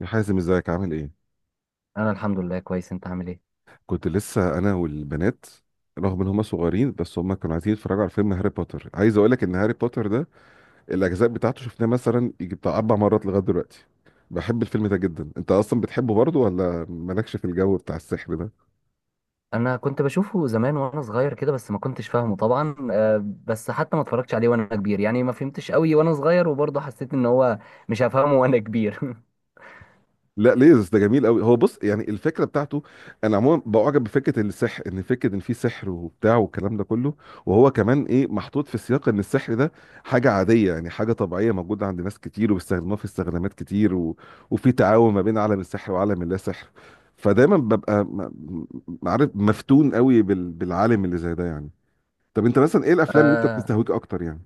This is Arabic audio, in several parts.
يا حازم، ازيك؟ عامل ايه؟ انا الحمد لله كويس. انت عامل ايه؟ كنت لسه انا والبنات. رغم ان هما صغيرين بس هما كانوا عايزين يتفرجوا على فيلم هاري بوتر. عايز اقول لك ان هاري بوتر ده الاجزاء بتاعته شفناه مثلا يجي بتاع اربع مرات لغايه دلوقتي. بحب الفيلم ده جدا. انت اصلا بتحبه برضه ولا مالكش في الجو بتاع السحر؟ انا كنت بشوفه زمان وانا صغير كده، بس ما كنتش فاهمه طبعا. آه، بس حتى ما اتفرجتش عليه وانا كبير، يعني ما فهمتش قوي وانا صغير، وبرضه حسيت ان هو مش هفهمه وانا كبير. لا، ليزرز ده جميل قوي. هو بص، يعني الفكره بتاعته، انا عموما بعجب بفكره السحر، ان فكره ان في سحر وبتاع والكلام ده كله. وهو كمان ايه، محطوط في سياق ان السحر ده حاجه عاديه، يعني حاجه طبيعيه موجوده عند ناس كتير وبيستخدموها في استخدامات كتير و، وفي تعاون ما بين عالم السحر وعالم اللا سحر. فدايما ببقى عارف، مفتون قوي بالعالم اللي زي ده يعني. طب انت مثلا ايه الافلام اللي انت بتستهويك اكتر يعني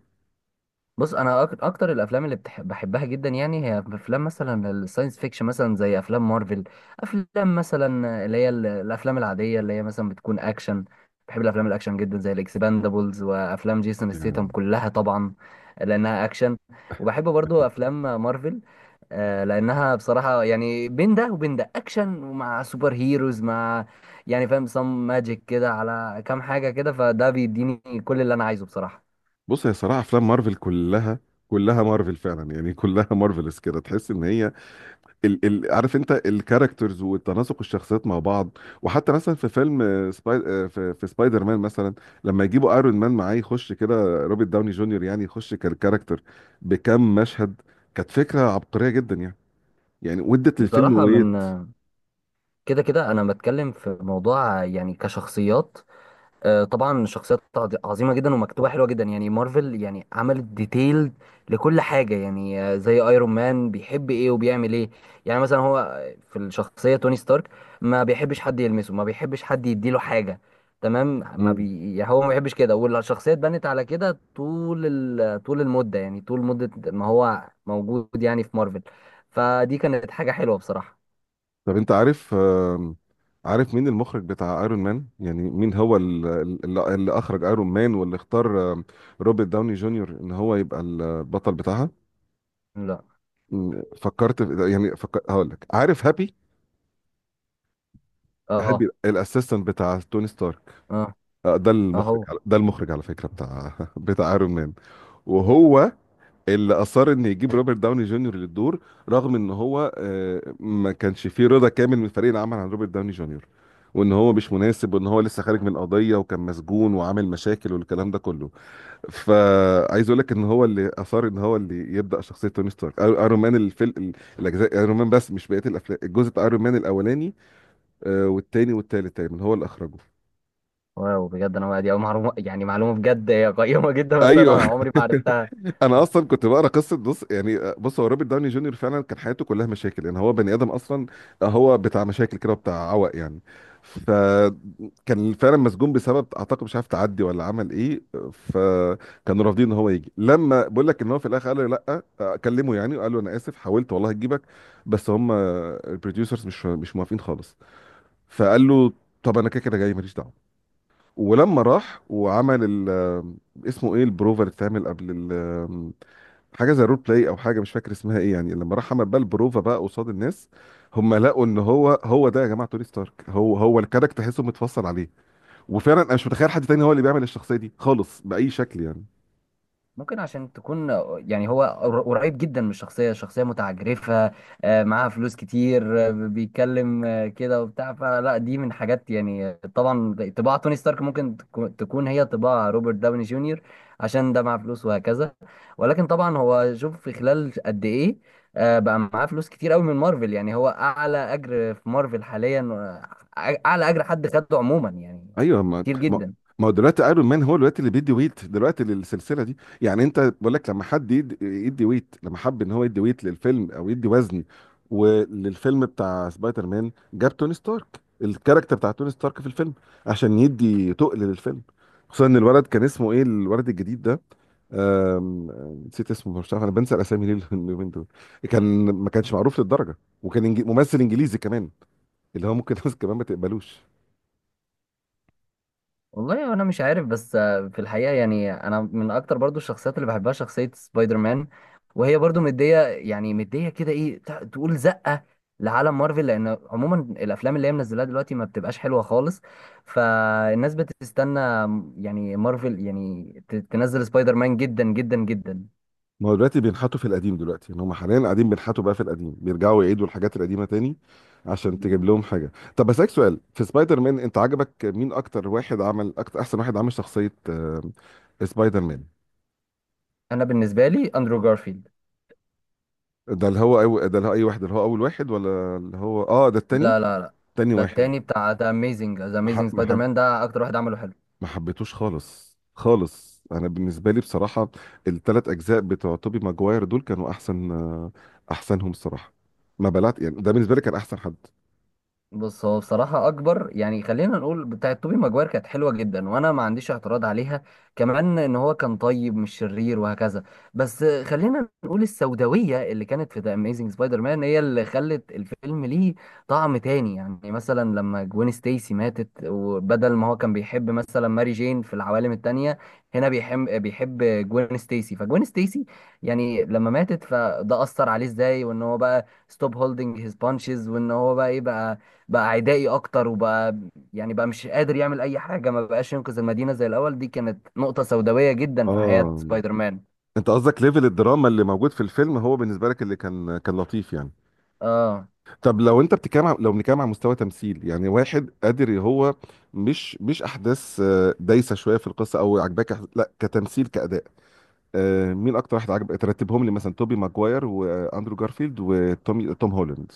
بص، انا اكتر الافلام اللي بحبها جدا، يعني هي افلام مثلا الساينس فيكشن، مثلا زي افلام مارفل. افلام مثلا اللي هي الافلام العاديه اللي هي مثلا بتكون اكشن. بحب الافلام الاكشن جدا زي الاكسباندابلز وافلام جيسون ستيتم يعني كلها طبعا، لانها اكشن. وبحب برضو افلام مارفل، آه، لانها بصراحه يعني بين ده وبين ده اكشن ومع سوبر هيروز، مع يعني فاهم سم ماجيك كده على كام حاجه كده، فده بيديني كل اللي انا عايزه بصراحه. بص، هي صراحه افلام مارفل كلها، كلها مارفل فعلا، يعني كلها مارفلز كده. تحس ان هي ال عارف انت، الكاركترز وتناسق الشخصيات مع بعض. وحتى مثلا في فيلم آه، سباي آه، في سبايدر مان مثلا، لما يجيبوا ايرون مان معاه يخش كده روبرت داوني جونيور، يعني يخش كالكاركتر بكم مشهد. كانت فكره عبقريه جدا يعني، يعني ودت للفيلم بصراحة، من ويت. كده كده انا بتكلم في موضوع يعني كشخصيات. آه، طبعا شخصيات عظيمه جدا ومكتوبه حلوه جدا، يعني مارفل يعني عملت ديتيل لكل حاجه، يعني آه، زي ايرون مان بيحب ايه وبيعمل ايه. يعني مثلا هو في الشخصيه توني ستارك ما بيحبش حد يلمسه، ما بيحبش حد يديله حاجه، تمام، ما مم. بي يعني هو ما بيحبش كده، والشخصيه اتبنت على كده طول. طول المده، يعني طول مده ما هو موجود يعني في مارفل. فدي كانت حاجه حلوه بصراحه. طب انت عارف، آم، عارف مين المخرج بتاع ايرون مان، يعني مين هو اللي اخرج ايرون مان، واللي اختار روبرت داوني جونيور ان هو يبقى البطل بتاعها؟ لا. فكرت في، يعني هقول لك، عارف هابي؟ هابي اه. الاسيستنت بتاع توني ستارك، اه. اهو. ده المخرج على فكره بتاع بتاع ايرون مان. وهو اللي اصر ان يجيب روبرت داوني جونيور للدور، رغم ان هو ما كانش فيه رضا كامل من فريق العمل عن روبرت داوني جونيور، وان هو مش مناسب، وان هو لسه خارج من قضيه وكان مسجون وعامل مشاكل والكلام ده كله. فعايز اقول لك ان هو اللي اثار، ان هو اللي يبدا شخصيه توني ستارك، ايرون مان، الفيلم الاجزاء، ايرون مان بس مش بقيه الافلام، الجزء بتاع ايرون مان الاولاني والتاني والتالت تقريبا هو اللي اخرجه. واو، بجد انا دي أول معلومه، يعني معلومه بجد هي قيمه جدا، بس ايوه انا عمري ما عرفتها. انا اصلا كنت بقرا قصه. بص هو روبرت داوني جونيور فعلا كان حياته كلها مشاكل، يعني هو بني ادم اصلا هو بتاع مشاكل كده وبتاع عوق يعني. فكان فعلا مسجون بسبب، اعتقد مش عارف، تعدي ولا عمل ايه. فكانوا رافضين ان هو يجي، لما بقول لك ان هو في الاخر قال له لا كلمه يعني، وقال له انا اسف، حاولت والله اجيبك بس هم البروديوسرز مش موافقين خالص. فقال له طب انا كده كده جاي ماليش دعوه. ولما راح وعمل اسمه ايه البروفر اللي اتعمل قبل، ال حاجه زي رول بلاي او حاجه مش فاكر اسمها ايه، يعني لما راح عمل بقى البروفا بقى قصاد الناس، هم لقوا ان هو هو ده، يا جماعه توني ستارك هو هو الكاركتر، تحسه متفصل عليه. وفعلا انا مش متخيل حد تاني هو اللي بيعمل الشخصيه دي خالص باي شكل يعني. ممكن عشان تكون، يعني هو قريب جدا من الشخصية، شخصية متعجرفة، آه، معاها فلوس كتير، آه، بيتكلم آه، كده وبتاع فلا دي من حاجات، يعني آه، طبعا طباع توني ستارك ممكن تكون هي طباع روبرت داوني جونيور، عشان ده معاه فلوس وهكذا. ولكن طبعا هو شوف في خلال قد ايه، آه، بقى معاه فلوس كتير قوي من مارفل، يعني هو اعلى اجر في مارفل حاليا، آه، اعلى اجر حد خده عموما يعني، ايوه، كتير جدا. ما هو دلوقتي ايرون مان هو دلوقتي اللي بيدي ويت دلوقتي للسلسله دي، يعني انت، بقول لك لما حد يدي ويت، لما حب ان هو يدي ويت للفيلم او يدي وزن، وللفيلم بتاع سبايدر مان جاب توني ستارك، الكاركتر بتاع توني ستارك في الفيلم، عشان يدي تقل للفيلم، خصوصا ان الولد كان اسمه ايه، الولد الجديد ده. أم... أم، نسيت اسمه، مش عارف انا بنسى الاسامي ليه اليومين دول. كان، ما كانش معروف للدرجه، وكان ممثل انجليزي كمان، اللي هو ممكن ناس كمان ما تقبلوش. والله انا مش عارف، بس آه، في الحقيقه يعني انا من اكتر برضو الشخصيات اللي بحبها شخصيه سبايدر مان، وهي برضو مديه، يعني مديه كده ايه تقول زقه لعالم مارفل، لان عموما الافلام اللي هي منزلاها دلوقتي ما بتبقاش حلوه خالص، فالناس بتستنى يعني مارفل يعني تنزل سبايدر مان جدا جدا جدا. ما هو دلوقتي بينحتوا في القديم، دلوقتي يعني هم حاليا قاعدين بينحتوا بقى في القديم، بيرجعوا يعيدوا الحاجات القديمه تاني عشان تجيب لهم حاجه. طب بسالك سؤال، في سبايدر مان انت عجبك مين اكتر واحد عمل، اكتر احسن واحد عمل شخصيه سبايدر مان؟ انا بالنسبه لي اندرو جارفيلد. ده اللي هو اي واحد، اللي هو اول واحد ولا اللي هو ده التاني؟ لا لا لا، تاني ده واحد. التاني بتاع ذا اميزنج، ذا ما ح- اميزنج ما سبايدر حب... مان، ده اكتر واحد عمله حلو. ما حبيتوش خالص خالص. انا بالنسبه لي بصراحه، الثلاث اجزاء بتوع توبي ماجواير دول كانوا احسنهم الصراحه، ما بلعت يعني، ده بالنسبه لي كان احسن حد. بص، هو بصراحة أكبر يعني، خلينا نقول بتاعت توبي ماجواير كانت حلوة جدا، وأنا ما عنديش اعتراض عليها، كمان إن هو كان طيب مش شرير وهكذا. بس خلينا نقول السوداوية اللي كانت في ذا أميزنج سبايدر مان هي اللي خلت الفيلم ليه طعم تاني، يعني مثلا لما جوين ستيسي ماتت، وبدل ما هو كان بيحب مثلا ماري جين في العوالم التانية، هنا بيحب جوين ستيسي، فجوين ستيسي يعني لما ماتت فده أثر عليه إزاي، وإن هو بقى ستوب هولدنج هيز بانشز، وإن هو بقى إيه، بقى بقى عدائي اكتر، وبقى يعني بقى مش قادر يعمل اي حاجه، ما بقاش ينقذ المدينه زي الاول. دي كانت نقطه سوداويه جدا في حياه اه، سبايدر مان. انت قصدك ليفل الدراما اللي موجود في الفيلم هو بالنسبه لك اللي كان لطيف يعني؟ اه. طب لو انت بتتكلم لو بنتكلم عن مستوى تمثيل، يعني واحد قادر، هو مش احداث دايسه شويه في القصه او عجباك، لا، كتمثيل، كاداء، مين اكتر واحد عجب؟ ترتبهم لي مثلا، توبي ماجواير واندرو جارفيلد وتوم توم هولاند.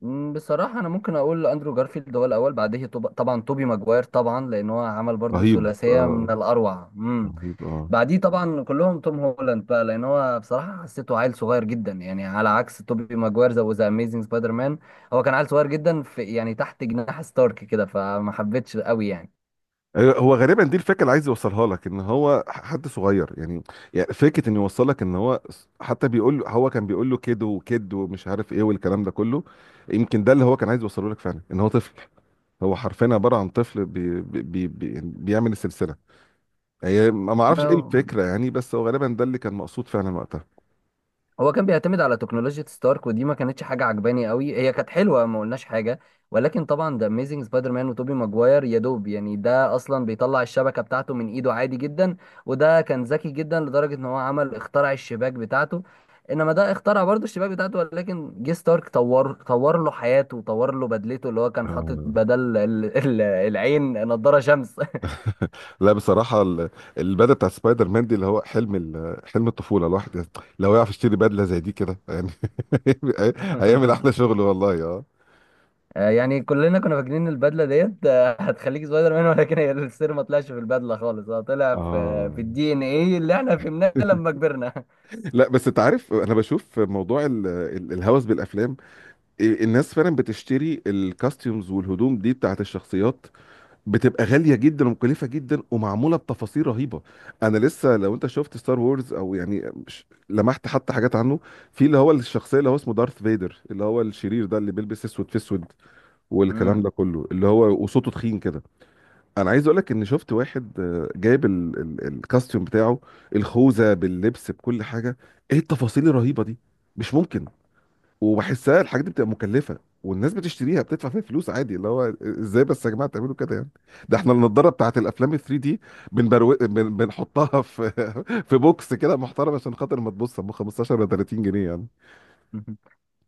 مم، بصراحه انا ممكن اقول اندرو جارفيلد هو الاول، بعديه طبعا توبي ماجواير طبعا، لان هو عمل برضو رهيب، ثلاثيه من آه، الاروع. امم، رهيب، اه. بعديه طبعا كلهم توم هولاند بقى، لان هو بصراحه حسيته عيل صغير جدا، يعني على عكس توبي ماجواير، زي ذا اميزنج سبايدر مان، هو كان عيل صغير جدا في، يعني تحت جناح ستارك كده، فما حبيتش قوي يعني. هو غالبا دي الفكره اللي عايز يوصلها لك، ان هو حد صغير يعني، يعني فكره انه يوصلك ان هو، حتى بيقول له، هو كان بيقول له كيد وكيد ومش عارف ايه والكلام ده كله. يمكن ده اللي هو كان عايز يوصله لك فعلا، ان هو طفل. هو حرفيا عباره عن طفل بي بي بي يعني بيعمل السلسله، هي ما ما اعرفش ايه الفكره يعني، بس هو غالبا ده اللي كان مقصود فعلا وقتها. هو كان بيعتمد على تكنولوجيا ستارك، ودي ما كانتش حاجه عجباني قوي، هي كانت حلوه ما قلناش حاجه، ولكن طبعا ده اميزنج سبايدر مان وتوبي ماجواير يا دوب يعني ده اصلا بيطلع الشبكه بتاعته من ايده عادي جدا، وده كان ذكي جدا لدرجه ان هو عمل اخترع الشباك بتاعته، انما ده اخترع برضه الشباك بتاعته، ولكن جه ستارك طور، طور له حياته وطور له بدلته، اللي هو كان حاطط آه. بدل العين نضاره شمس. لا، بصراحه البدله بتاع سبايدر مان دي اللي هو حلم الطفوله. الواحد لو يعرف يشتري بدله زي دي كده يعني هيعمل احلى شغل والله اه. آه، يعني كلنا كنا فاكرين إن البدله ديت آه، هتخليك سبايدر مان، ولكن هي السر ما طلعش في البدله خالص، هو طلع في اه الدي ان ايه اللي احنا فهمناه لما كبرنا. لا بس انت عارف، انا بشوف موضوع الهوس بالافلام، إيه، الناس فعلا بتشتري الكاستيومز والهدوم دي بتاعت الشخصيات، بتبقى غاليه جدا ومكلفه جدا ومعموله بتفاصيل رهيبه. انا لسه لو انت شفت ستار وورز، او يعني لمحت حتى حاجات عنه، في اللي هو الشخصيه اللي هو اسمه دارث فيدر اللي هو الشرير ده اللي بيلبس اسود في اسود والكلام مم. ده كله، اللي هو وصوته تخين كده. انا عايز اقولك ان شفت واحد جايب الكاستيوم بتاعه، الخوذه باللبس بكل حاجه، ايه التفاصيل الرهيبه دي، مش ممكن. وبحسها الحاجات دي بتبقى مكلفه والناس بتشتريها بتدفع فيها فلوس عادي، اللي هو ازاي بس يا جماعه تعملوا كده يعني؟ ده احنا النضاره بتاعت الافلام ال 3 دي بنحطها في في بوكس كده محترم عشان خاطر ما تبص ب 15 ولا 30 جنيه يعني.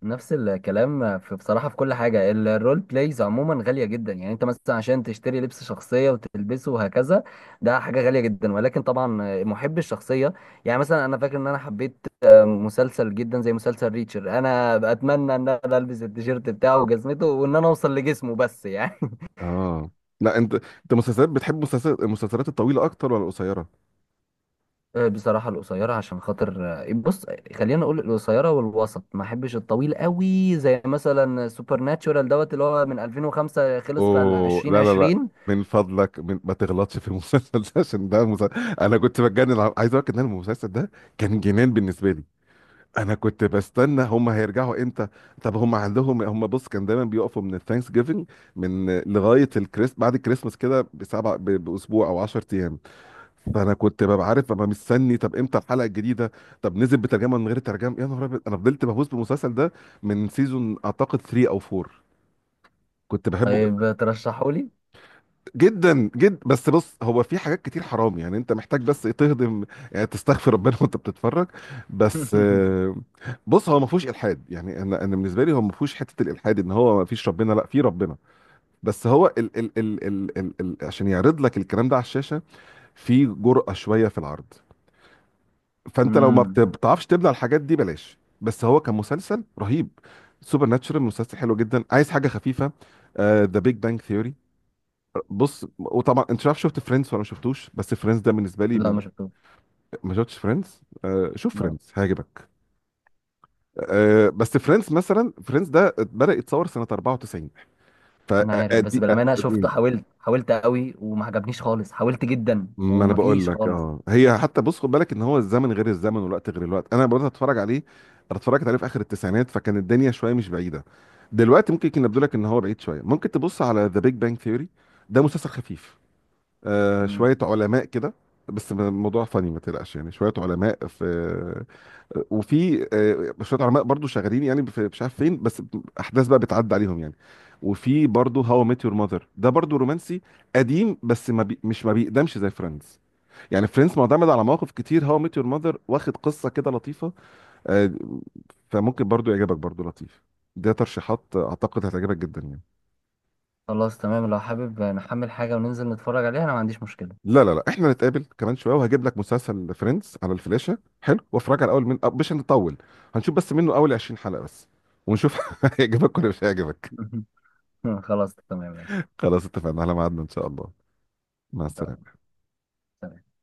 نفس الكلام في بصراحه في كل حاجه، الرول بلايز عموما غاليه جدا، يعني انت مثلا عشان تشتري لبس شخصيه وتلبسه وهكذا، ده حاجه غاليه جدا، ولكن طبعا آه، محب الشخصيه. يعني مثلا انا فاكر ان انا حبيت آه، مسلسل جدا زي مسلسل ريتشر، انا اتمنى ان انا البس التيشيرت بتاعه وجزمته وان انا اوصل لجسمه بس يعني. اه. لا انت مسلسلات، بتحب مسلسلات، المسلسلات الطويله اكتر ولا القصيره؟ آه، بصراحة القصيرة، عشان خاطر آه، بص، خلينا نقول القصيرة والوسط، ما احبش الطويل قوي زي مثلا سوبر ناتشورال دوت اللي هو من 2005 خلص في اوه، لا لا لا، 2020. من فضلك، ما تغلطش في المسلسل ده، عشان ده مسلسل. انا كنت بتجنن، عايز اقول لك ان أنا المسلسل ده كان جنان بالنسبه لي. انا كنت بستنى هم هيرجعوا امتى. طب هم عندهم، هم بص كان دايما بيقفوا من الثانكس جيفنج، من لغايه بعد الكريسماس كده باسبوع او 10 ايام. فانا كنت ببقى عارف، ببقى مستني طب امتى الحلقه الجديده. طب نزل بترجمه، من غير ترجمه، يا نهار ابيض انا فضلت بهوس بالمسلسل ده من سيزون اعتقد 3 او 4. كنت بحبه جدا. طيب ترشحوا لي. جدا جدا، بس بص هو في حاجات كتير حرام يعني، انت محتاج بس ايه، تهضم يعني، تستغفر ربنا وانت بتتفرج، بس بص هو ما فيهوش الحاد، يعني انا بالنسبه لي هو ما فيهوش حته الالحاد ان هو ما فيش ربنا، لا في ربنا، بس هو ال ال ال ال ال ال عشان يعرض لك الكلام ده على الشاشه في جرأة شويه في العرض، فانت لو ما امم. بتعرفش تبلع الحاجات دي بلاش، بس هو كمسلسل رهيب. سوبر ناتشورال مسلسل حلو جدا. عايز حاجه خفيفه؟ ذا بيج بانج ثيوري. بص وطبعا انت مش عارف، شفت فريندز ولا ما شفتوش؟ بس فريندز ده بالنسبه لي لا من، ما شفتوش. ما شفتش فريندز؟ آه، شوف لا فريندز هيعجبك. آه بس فريندز، مثلا فريندز ده بدأ يتصور سنه 94 انا عارف، فدي بس بالأمانة شفته، قديم. حاولت، حاولت قوي وما عجبنيش خالص، حاولت جدا ما انا بقول ومفيش لك، خالص. اه، هي حتى بص خد بالك ان هو الزمن غير الزمن والوقت غير الوقت. انا بدأت اتفرج عليه، انا اتفرجت عليه في اخر التسعينات فكان الدنيا شويه مش بعيده. دلوقتي ممكن يكون يبدو لك ان هو بعيد شويه. ممكن تبص على ذا بيج بانج ثيوري، ده مسلسل خفيف، امم. شوية علماء كده، بس الموضوع فني ما تقلقش، يعني شوية علماء في وفي شوية علماء برضو شغالين يعني في مش عارف فين، بس أحداث بقى بتعدي عليهم يعني. وفي برضو هاو ميت يور ماذر ده برضو رومانسي قديم، بس ما بي مش ما بيقدمش زي فريندز يعني، فريندز معتمد على مواقف كتير، هاو ميت يور ماذر واخد قصة كده لطيفة، آه، فممكن برضو يعجبك، برضو لطيف، ده ترشيحات أعتقد هتعجبك جدا يعني. خلاص تمام، لو حابب نحمل حاجة وننزل نتفرج عليها انا ما عنديش مشكلة. لا لا لا، احنا نتقابل كمان شويه وهجيب لك مسلسل فريندز على الفلاشه حلو وافرجها الاول من أه، مش هنطول، هنشوف بس منه اول 20 حلقه بس ونشوف هيعجبك ولا مش هيعجبك. خلاص تمام ماشي. خلاص اتفقنا على ميعادنا ان شاء الله. مع إن شاء الله. السلامه. سلام.